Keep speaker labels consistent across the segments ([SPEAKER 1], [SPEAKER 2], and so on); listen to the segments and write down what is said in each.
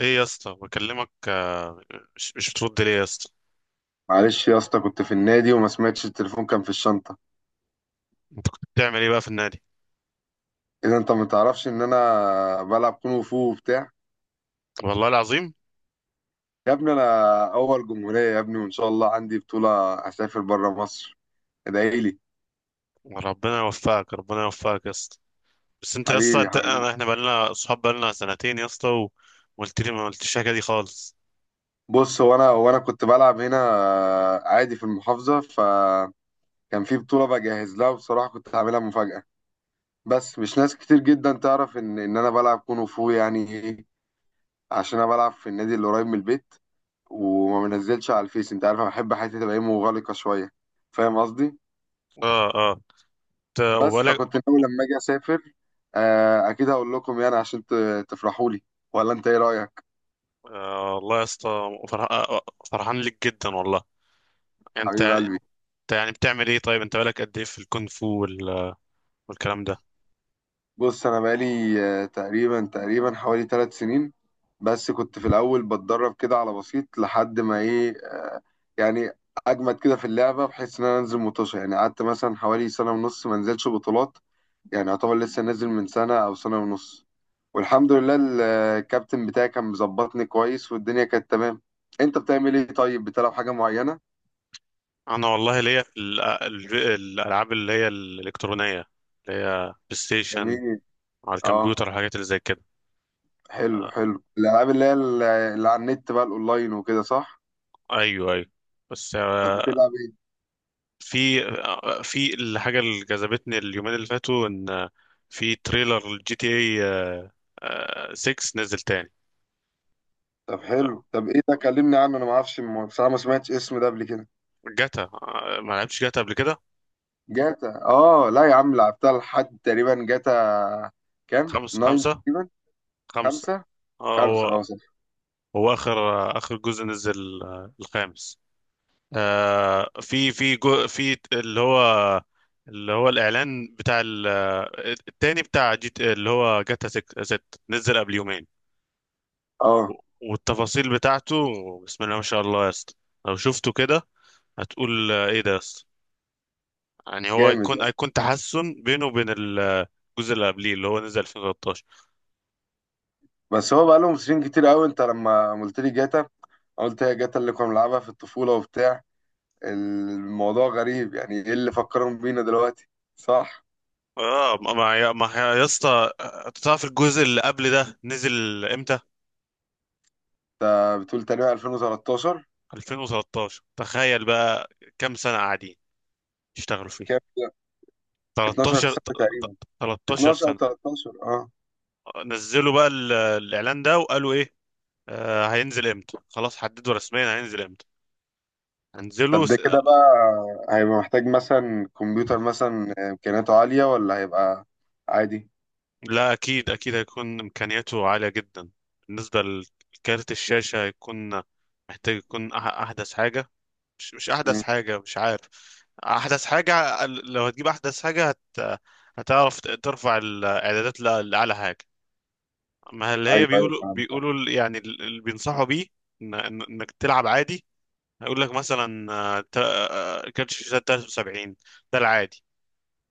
[SPEAKER 1] ايه يا اسطى بكلمك، مش بترد ليه يا اسطى؟
[SPEAKER 2] معلش يا اسطى، كنت في النادي وما سمعتش التليفون، كان في الشنطة.
[SPEAKER 1] بتعمل ايه بقى في النادي؟
[SPEAKER 2] اذا انت ما تعرفش ان انا بلعب كونغ فو وبتاع.
[SPEAKER 1] والله العظيم.
[SPEAKER 2] يا ابني انا اول جمهورية يا ابني، وان شاء الله عندي بطولة هسافر بره مصر. ادعي لي.
[SPEAKER 1] ربنا يوفقك، ربنا يوفقك يا اسطى. بس انت يا اسطى،
[SPEAKER 2] حبيبي
[SPEAKER 1] انت
[SPEAKER 2] حبيبي.
[SPEAKER 1] احنا بقالنا صحاب، بقالنا سنتين يا اسطى وقلت لي ما قلتش الحاجه دي خالص.
[SPEAKER 2] بص، هو انا كنت بلعب هنا عادي في المحافظة، فكان في بطولة بجهز لها، وبصراحة كنت هعملها مفاجأة. بس مش ناس كتير جدا تعرف ان انا بلعب كونغ فو يعني ايه. عشان انا بلعب في النادي اللي قريب من البيت، وما بنزلش على الفيس. انت عارف انا بحب حياتي تبقى ايه، مغلقه شويه. فاهم قصدي؟
[SPEAKER 1] اه، اه. انت
[SPEAKER 2] بس
[SPEAKER 1] وبالك.
[SPEAKER 2] فكنت ناوي لما اجي اسافر، اكيد هقول لكم يعني عشان تفرحوا لي. ولا انت ايه رايك؟
[SPEAKER 1] والله يا اسطى، فرحان لك جدا والله. انت
[SPEAKER 2] حبيب
[SPEAKER 1] يعني
[SPEAKER 2] قلبي.
[SPEAKER 1] انت يعني بتعمل ايه طيب؟ انت بالك قد ايه في الكونغ فو والكلام ده؟
[SPEAKER 2] بص انا بقالي تقريبا حوالي 3 سنين. بس كنت في الاول بتدرب كده على بسيط، لحد ما ايه، يعني اجمد كده في اللعبه، بحيث ان انا انزل مطوشه. يعني قعدت مثلا حوالي سنه ونص ما انزلش بطولات. يعني يعتبر لسه نازل من سنة أو سنة ونص. والحمد لله، الكابتن بتاعي كان مظبطني كويس، والدنيا كانت تمام. أنت بتعمل إيه طيب؟ بتلعب حاجة معينة؟
[SPEAKER 1] انا والله ليا في الالعاب اللي هي الالكترونيه، اللي هي بلاي ستيشن
[SPEAKER 2] جميل.
[SPEAKER 1] على
[SPEAKER 2] أه.
[SPEAKER 1] الكمبيوتر والحاجات اللي زي كده.
[SPEAKER 2] حلو
[SPEAKER 1] آه،
[SPEAKER 2] حلو، الألعاب اللي هي اللي على النت بقى، الأونلاين وكده، صح؟
[SPEAKER 1] ايوه، ايوه. بس
[SPEAKER 2] طب بتلعب إيه؟
[SPEAKER 1] في الحاجه اللي جذبتني اليومين اللي فاتوا، ان آه، في تريلر الجي تي اي 6 نزل تاني.
[SPEAKER 2] طب حلو،
[SPEAKER 1] آه،
[SPEAKER 2] طب إيه ده؟ كلمني عنه، أنا ما أعرفش، بصراحة ما سمعتش اسم ده قبل كده.
[SPEAKER 1] جاتا، ما لعبتش جاتا قبل كده.
[SPEAKER 2] جاتا، أه لا يا عم لعبتها لحد تقريبا جاتا كام؟
[SPEAKER 1] خمس
[SPEAKER 2] 9
[SPEAKER 1] خمسة
[SPEAKER 2] تقريبا.
[SPEAKER 1] خمسة.
[SPEAKER 2] خمسة.
[SPEAKER 1] آه،
[SPEAKER 2] خمسة
[SPEAKER 1] هو
[SPEAKER 2] أه صح.
[SPEAKER 1] هو اخر جزء نزل، الخامس. في جو، في اللي هو الاعلان بتاع التاني بتاع جيت، اللي هو جاتا 6 ست، نزل قبل يومين. و-
[SPEAKER 2] أه
[SPEAKER 1] والتفاصيل بتاعته. بسم الله ما شاء الله يا اسطى، لو شفته كده هتقول ايه ده يا اسطى. يعني هو
[SPEAKER 2] جامد.
[SPEAKER 1] هيكون، تحسن بينه وبين الجزء اللي قبليه اللي هو نزل 2013.
[SPEAKER 2] بس هو بقى لهم سنين كتير قوي. انت لما قلت لي جاتا، أنا قلت هي جاتا اللي كنا بنلعبها في الطفولة وبتاع. الموضوع غريب يعني، ايه اللي فكرهم بينا دلوقتي؟ صح،
[SPEAKER 1] اه، ما ما يا ما يا اسطى، أنت تعرف الجزء اللي قبل ده نزل امتى؟
[SPEAKER 2] انت بتقول تقريبا 2013.
[SPEAKER 1] 2013، تخيل بقى. كام سنة قاعدين يشتغلوا فيه؟
[SPEAKER 2] كام ده؟ 12
[SPEAKER 1] 13.
[SPEAKER 2] سنة تقريبا.
[SPEAKER 1] 13
[SPEAKER 2] 12 او
[SPEAKER 1] سنة.
[SPEAKER 2] 13، اه.
[SPEAKER 1] نزلوا بقى الإعلان ده وقالوا إيه؟ هينزل إمتى، خلاص حددوا رسميا هينزل إمتى. هنزله
[SPEAKER 2] طب ده
[SPEAKER 1] س...
[SPEAKER 2] كده بقى هيبقى محتاج مثلا كمبيوتر مثلا امكانياته عالية، ولا هيبقى عادي؟
[SPEAKER 1] لا، أكيد أكيد هيكون إمكانياته عالية جدا. بالنسبة لكارت الشاشة، هيكون محتاج يكون أحدث حاجة. مش أحدث
[SPEAKER 2] مم.
[SPEAKER 1] حاجة، مش عارف. أحدث حاجة، لو هتجيب أحدث حاجة هتعرف ترفع الإعدادات لأعلى حاجة. ما اللي هي
[SPEAKER 2] ايوه ايوه،
[SPEAKER 1] بيقولوا
[SPEAKER 2] فهمتك.
[SPEAKER 1] بيقولوا يعني اللي بينصحوا بيه، إنك تلعب عادي، هيقول لك مثلا كارت الشاشات 73، ده العادي،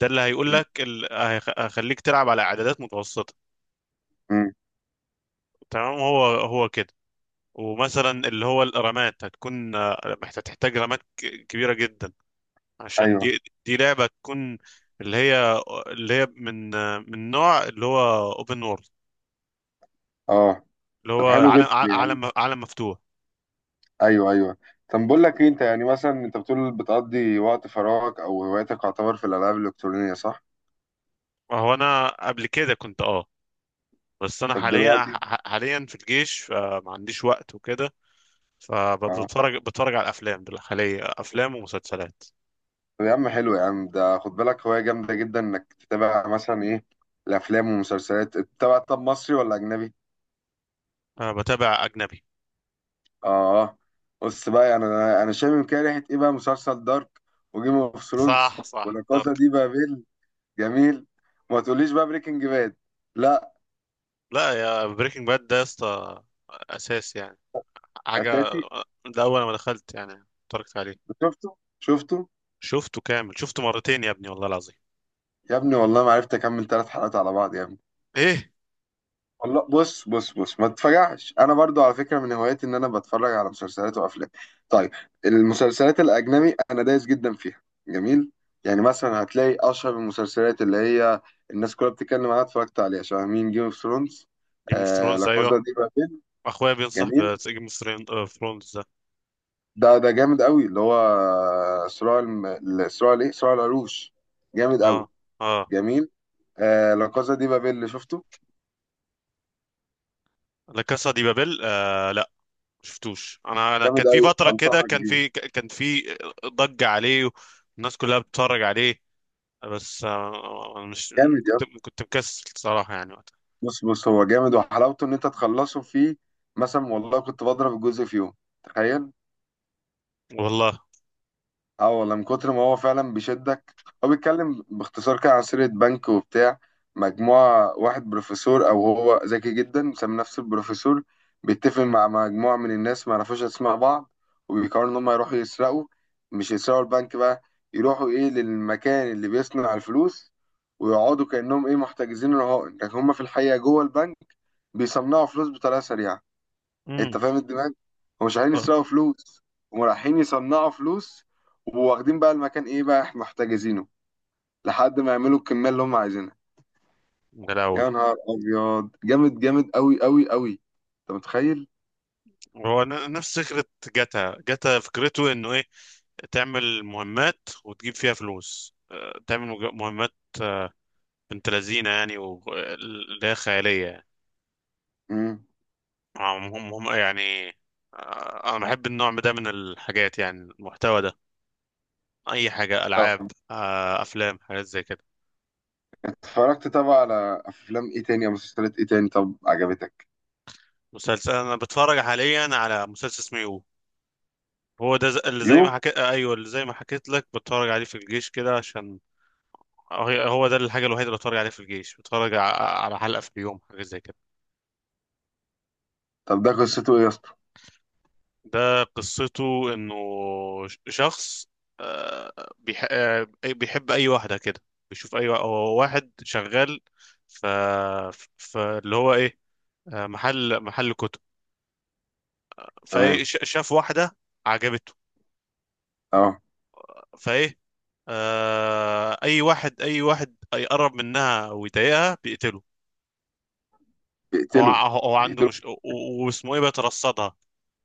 [SPEAKER 1] ده اللي هيقول
[SPEAKER 2] مم.
[SPEAKER 1] لك هيخليك تلعب على اعدادات متوسطة.
[SPEAKER 2] مم.
[SPEAKER 1] تمام، هو هو كده. ومثلا اللي هو الرامات هتكون، هتحتاج رامات كبيرة جدا، عشان
[SPEAKER 2] ايوه.
[SPEAKER 1] دي لعبة تكون اللي هي من نوع اللي هو اوبن وورلد،
[SPEAKER 2] اه.
[SPEAKER 1] اللي هو
[SPEAKER 2] طب حلو
[SPEAKER 1] عالم،
[SPEAKER 2] جدا يعني.
[SPEAKER 1] عالم مفتوح.
[SPEAKER 2] ايوه ايوه. طب بقول لك ايه، انت يعني مثلا انت بتقول بتقضي وقت فراغك او هوايتك يعتبر في الالعاب الالكترونيه، صح؟
[SPEAKER 1] هو انا قبل كده كنت بس انا
[SPEAKER 2] طب
[SPEAKER 1] حاليا،
[SPEAKER 2] دلوقتي.
[SPEAKER 1] حاليا في الجيش، فما عنديش وقت وكده.
[SPEAKER 2] اه.
[SPEAKER 1] بتفرج على الافلام، حاليا افلام ومسلسلات.
[SPEAKER 2] طب يا عم، حلو يا عم. ده خد بالك هوايه جامده جدا انك تتابع مثلا ايه، الافلام والمسلسلات تتابع. طب مصري ولا اجنبي؟
[SPEAKER 1] انا بتابع اجنبي.
[SPEAKER 2] اه. بص بقى يعني انا انا شامم كده ريحه ايه بقى، مسلسل دارك، وجيم اوف ثرونز،
[SPEAKER 1] صح، صح،
[SPEAKER 2] ولا كازا
[SPEAKER 1] دارك.
[SPEAKER 2] دي بابيل؟ جميل. ما تقوليش بقى بريكنج باد. لا.
[SPEAKER 1] لا، يا بريكنج باد ده يا اسطى اساس يعني، حاجه.
[SPEAKER 2] اساتي.
[SPEAKER 1] ده اول ما دخلت يعني اتفرجت عليه.
[SPEAKER 2] شفته. شفته.
[SPEAKER 1] شفته كامل، شفته مرتين يا ابني والله العظيم.
[SPEAKER 2] يا ابني والله ما عرفت اكمل 3 حلقات على بعض يا ابني.
[SPEAKER 1] ايه.
[SPEAKER 2] والله بص بص بص، ما تتفجعش، انا برضو على فكره من هواياتي ان انا بتفرج على مسلسلات وافلام. طيب، المسلسلات الاجنبي انا دايس جدا فيها. جميل. يعني مثلا هتلاقي اشهر المسلسلات اللي هي الناس كلها بتتكلم عنها اتفرجت عليها، شبه مين، جيم اوف ثرونز.
[SPEAKER 1] جيم اوف
[SPEAKER 2] آه
[SPEAKER 1] ثرونز،
[SPEAKER 2] لا
[SPEAKER 1] ايوه.
[SPEAKER 2] كوزا دي بابيل.
[SPEAKER 1] اخويا بينصح
[SPEAKER 2] جميل.
[SPEAKER 1] بجيم اوف ثرونز ده.
[SPEAKER 2] ده ده جامد قوي، اللي هو صراع صراع الايه، صراع العروش. جامد
[SPEAKER 1] اه،
[SPEAKER 2] قوي.
[SPEAKER 1] اه.
[SPEAKER 2] جميل. آه لا كوزا دي بابيل اللي شفته،
[SPEAKER 1] لا كاسا دي بابل، لا شفتوش. انا
[SPEAKER 2] جامد
[SPEAKER 1] كان في
[SPEAKER 2] قوي،
[SPEAKER 1] فتره كده
[SPEAKER 2] انصحك بيه.
[SPEAKER 1] كان في ضجه عليه والناس كلها بتتفرج عليه، بس انا مش،
[SPEAKER 2] جامد.
[SPEAKER 1] كنت مكسل صراحة يعني وقتها.
[SPEAKER 2] بص بص، هو جامد وحلاوته ان انت تخلصه فيه. مثلا والله كنت بضرب الجزء في يوم، تخيل.
[SPEAKER 1] والله.
[SPEAKER 2] اه والله، من كتر ما هو فعلا بيشدك. هو بيتكلم باختصار كده عن سيرة بنك وبتاع، مجموعة واحد بروفيسور أو هو ذكي جدا سمي نفسه البروفيسور، بيتفق مع مجموعة من الناس ما يعرفوش أسماء بعض، وبيقرروا إن هم يروحوا يسرقوا. مش يسرقوا البنك بقى، يروحوا إيه للمكان اللي بيصنع الفلوس، ويقعدوا كأنهم إيه محتجزين رهائن، لكن هم في الحقيقة جوه البنك بيصنعوا فلوس بطريقة سريعة.
[SPEAKER 1] امم.
[SPEAKER 2] انت فاهم الدماغ؟ هم مش عايزين يسرقوا فلوس، هم رايحين يصنعوا فلوس، وواخدين بقى المكان ايه بقى، احنا محتجزينه لحد ما يعملوا الكميه اللي هم عايزينها.
[SPEAKER 1] غلاوي.
[SPEAKER 2] يا نهار ابيض، جامد جامد قوي قوي قوي. انت متخيل؟
[SPEAKER 1] هو نفس فكرة جاتا. فكرته انه ايه، تعمل مهمات وتجيب فيها فلوس، تعمل مهمات، آه، بنت لذينة يعني اللي هي خيالية يعني،
[SPEAKER 2] امم.
[SPEAKER 1] هم يعني. أنا بحب النوع ده من الحاجات يعني، المحتوى ده، أي حاجة،
[SPEAKER 2] طب
[SPEAKER 1] ألعاب، أفلام، حاجات زي كده.
[SPEAKER 2] اتفرجت طبعا على افلام ايه تاني او مسلسلات ايه تاني طب عجبتك؟
[SPEAKER 1] مسلسل، أنا بتفرج حاليا على مسلسل اسمه يو، هو ده اللي زي
[SPEAKER 2] يو.
[SPEAKER 1] ما حكيت، ايوه، اللي زي ما حكيت لك، بتفرج عليه في الجيش كده عشان، هو ده الحاجه الوحيده اللي بتفرج عليه في الجيش، بتفرج على حلقه في اليوم، حاجه زي كده.
[SPEAKER 2] طب ده قصته ايه يا اسطى؟
[SPEAKER 1] ده قصته انه شخص، بيحب اي واحده كده، بيشوف اي، هو واحد شغال ف، اللي هو ايه، محل كتب،
[SPEAKER 2] تمام.
[SPEAKER 1] فايه شاف واحده عجبته،
[SPEAKER 2] اه.
[SPEAKER 1] فايه، اي واحد اي واحد يقرب منها ويضايقها بيقتله.
[SPEAKER 2] بيقتله.
[SPEAKER 1] هو عنده
[SPEAKER 2] بيقتله.
[SPEAKER 1] مش، واسمه ايه، بيترصدها،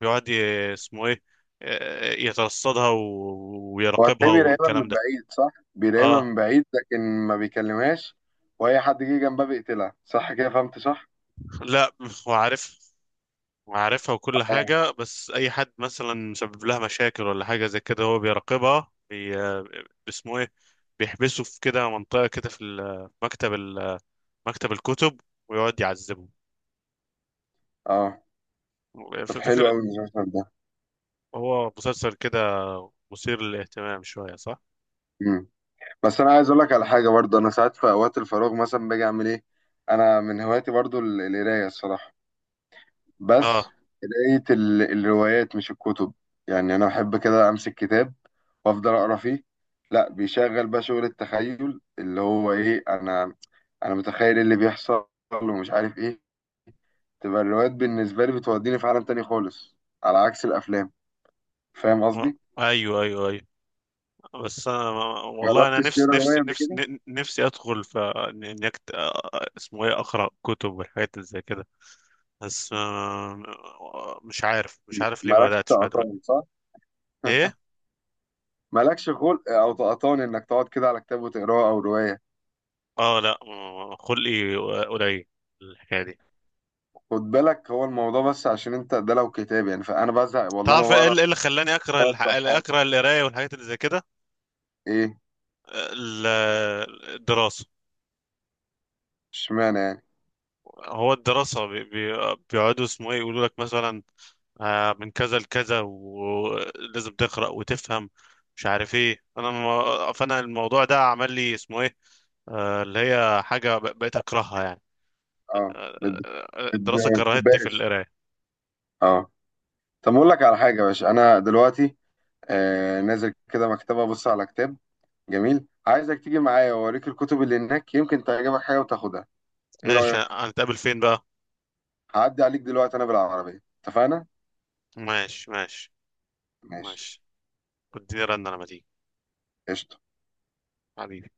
[SPEAKER 1] بيقعد اسمه ايه، يترصدها
[SPEAKER 2] هو
[SPEAKER 1] ويراقبها
[SPEAKER 2] هتلاقيه بيراقبها من
[SPEAKER 1] والكلام ده.
[SPEAKER 2] بعيد صح، بيراقبها
[SPEAKER 1] اه،
[SPEAKER 2] من بعيد، لكن ما بيكلمهاش. واي حد جه جنبها بيقتلها، صح كده، فهمت صح؟
[SPEAKER 1] لا. هو عارف هو عارفها وكل
[SPEAKER 2] اه.
[SPEAKER 1] حاجة، بس أي حد مثلا سبب لها مشاكل ولا حاجة زي كده، هو بيراقبها اسمه ايه، بيحبسه في كده منطقة كده في مكتب مكتب الكتب، ويقعد يعذبه.
[SPEAKER 2] اه. طب حلو
[SPEAKER 1] فكرة.
[SPEAKER 2] قوي المسلسل ده.
[SPEAKER 1] هو مسلسل كده مثير للاهتمام شوية، صح؟
[SPEAKER 2] امم. بس انا عايز اقول لك على حاجه برضه، انا ساعات في اوقات الفراغ مثلا باجي اعمل ايه، انا من هواياتي برضه القرايه الصراحه. بس
[SPEAKER 1] اه.
[SPEAKER 2] قرايه الروايات، مش الكتب. يعني انا بحب كده امسك كتاب وافضل اقرا فيه. لا، بيشغل بقى شغل التخيل اللي هو ايه، انا انا متخيل إيه اللي بيحصل ومش عارف ايه. تبقى الروايات بالنسبه لي بتوديني في عالم تاني خالص، على عكس الافلام. فاهم
[SPEAKER 1] آه،
[SPEAKER 2] قصدي؟
[SPEAKER 1] ايوه، ايوه، ايوه. بس انا والله،
[SPEAKER 2] جربت
[SPEAKER 1] انا
[SPEAKER 2] تشتري روايه قبل كده؟
[SPEAKER 1] نفسي ادخل في إني اسمه ايه، اقرا كتب والحاجات اللي زي كده، بس مش عارف ليه ما
[SPEAKER 2] مالكش
[SPEAKER 1] بداتش بقى دلوقتي.
[SPEAKER 2] تقطان صح؟
[SPEAKER 1] ايه.
[SPEAKER 2] مالكش خلق او تقطان انك تقعد كده على كتاب وتقراه او روايه.
[SPEAKER 1] اه، لا، خلقي قليل الحكايه دي.
[SPEAKER 2] خد بالك هو الموضوع، بس عشان انت ده لو كتاب يعني فانا بزهق والله، ما
[SPEAKER 1] تعرف ايه
[SPEAKER 2] بقرا
[SPEAKER 1] اللي، إيه اللي خلاني اكره
[SPEAKER 2] ثلاث صفحات
[SPEAKER 1] القرايه والحاجات اللي زي كده.
[SPEAKER 2] ايه؟
[SPEAKER 1] آه، ال- الدراسه.
[SPEAKER 2] اشمعنى يعني؟
[SPEAKER 1] هو الدراسة بيقعدوا اسمه ايه يقولوا لك مثلا، من كذا لكذا ولازم تقرأ وتفهم، مش عارف ايه، انا فانا الموضوع ده عمل لي اسمه ايه، اللي هي حاجة بقيت اكرهها يعني.
[SPEAKER 2] اه،
[SPEAKER 1] الدراسة
[SPEAKER 2] ما
[SPEAKER 1] كرهتني في
[SPEAKER 2] بتحبهاش.
[SPEAKER 1] القراية.
[SPEAKER 2] اه. طب اقول لك على حاجه يا باشا، انا دلوقتي نازل كده مكتبه ابص على كتاب. جميل، عايزك تيجي معايا واوريك الكتب اللي هناك، يمكن تعجبك حاجه وتاخدها. ايه رايك؟
[SPEAKER 1] ماشي، هنتقابل فين بقى؟
[SPEAKER 2] هعدي عليك دلوقتي انا بالعربيه، اتفقنا؟
[SPEAKER 1] ماشي، ماشي،
[SPEAKER 2] ماشي.
[SPEAKER 1] ماشي. اديني رن انا مديك،
[SPEAKER 2] قشطة.
[SPEAKER 1] حبيبي.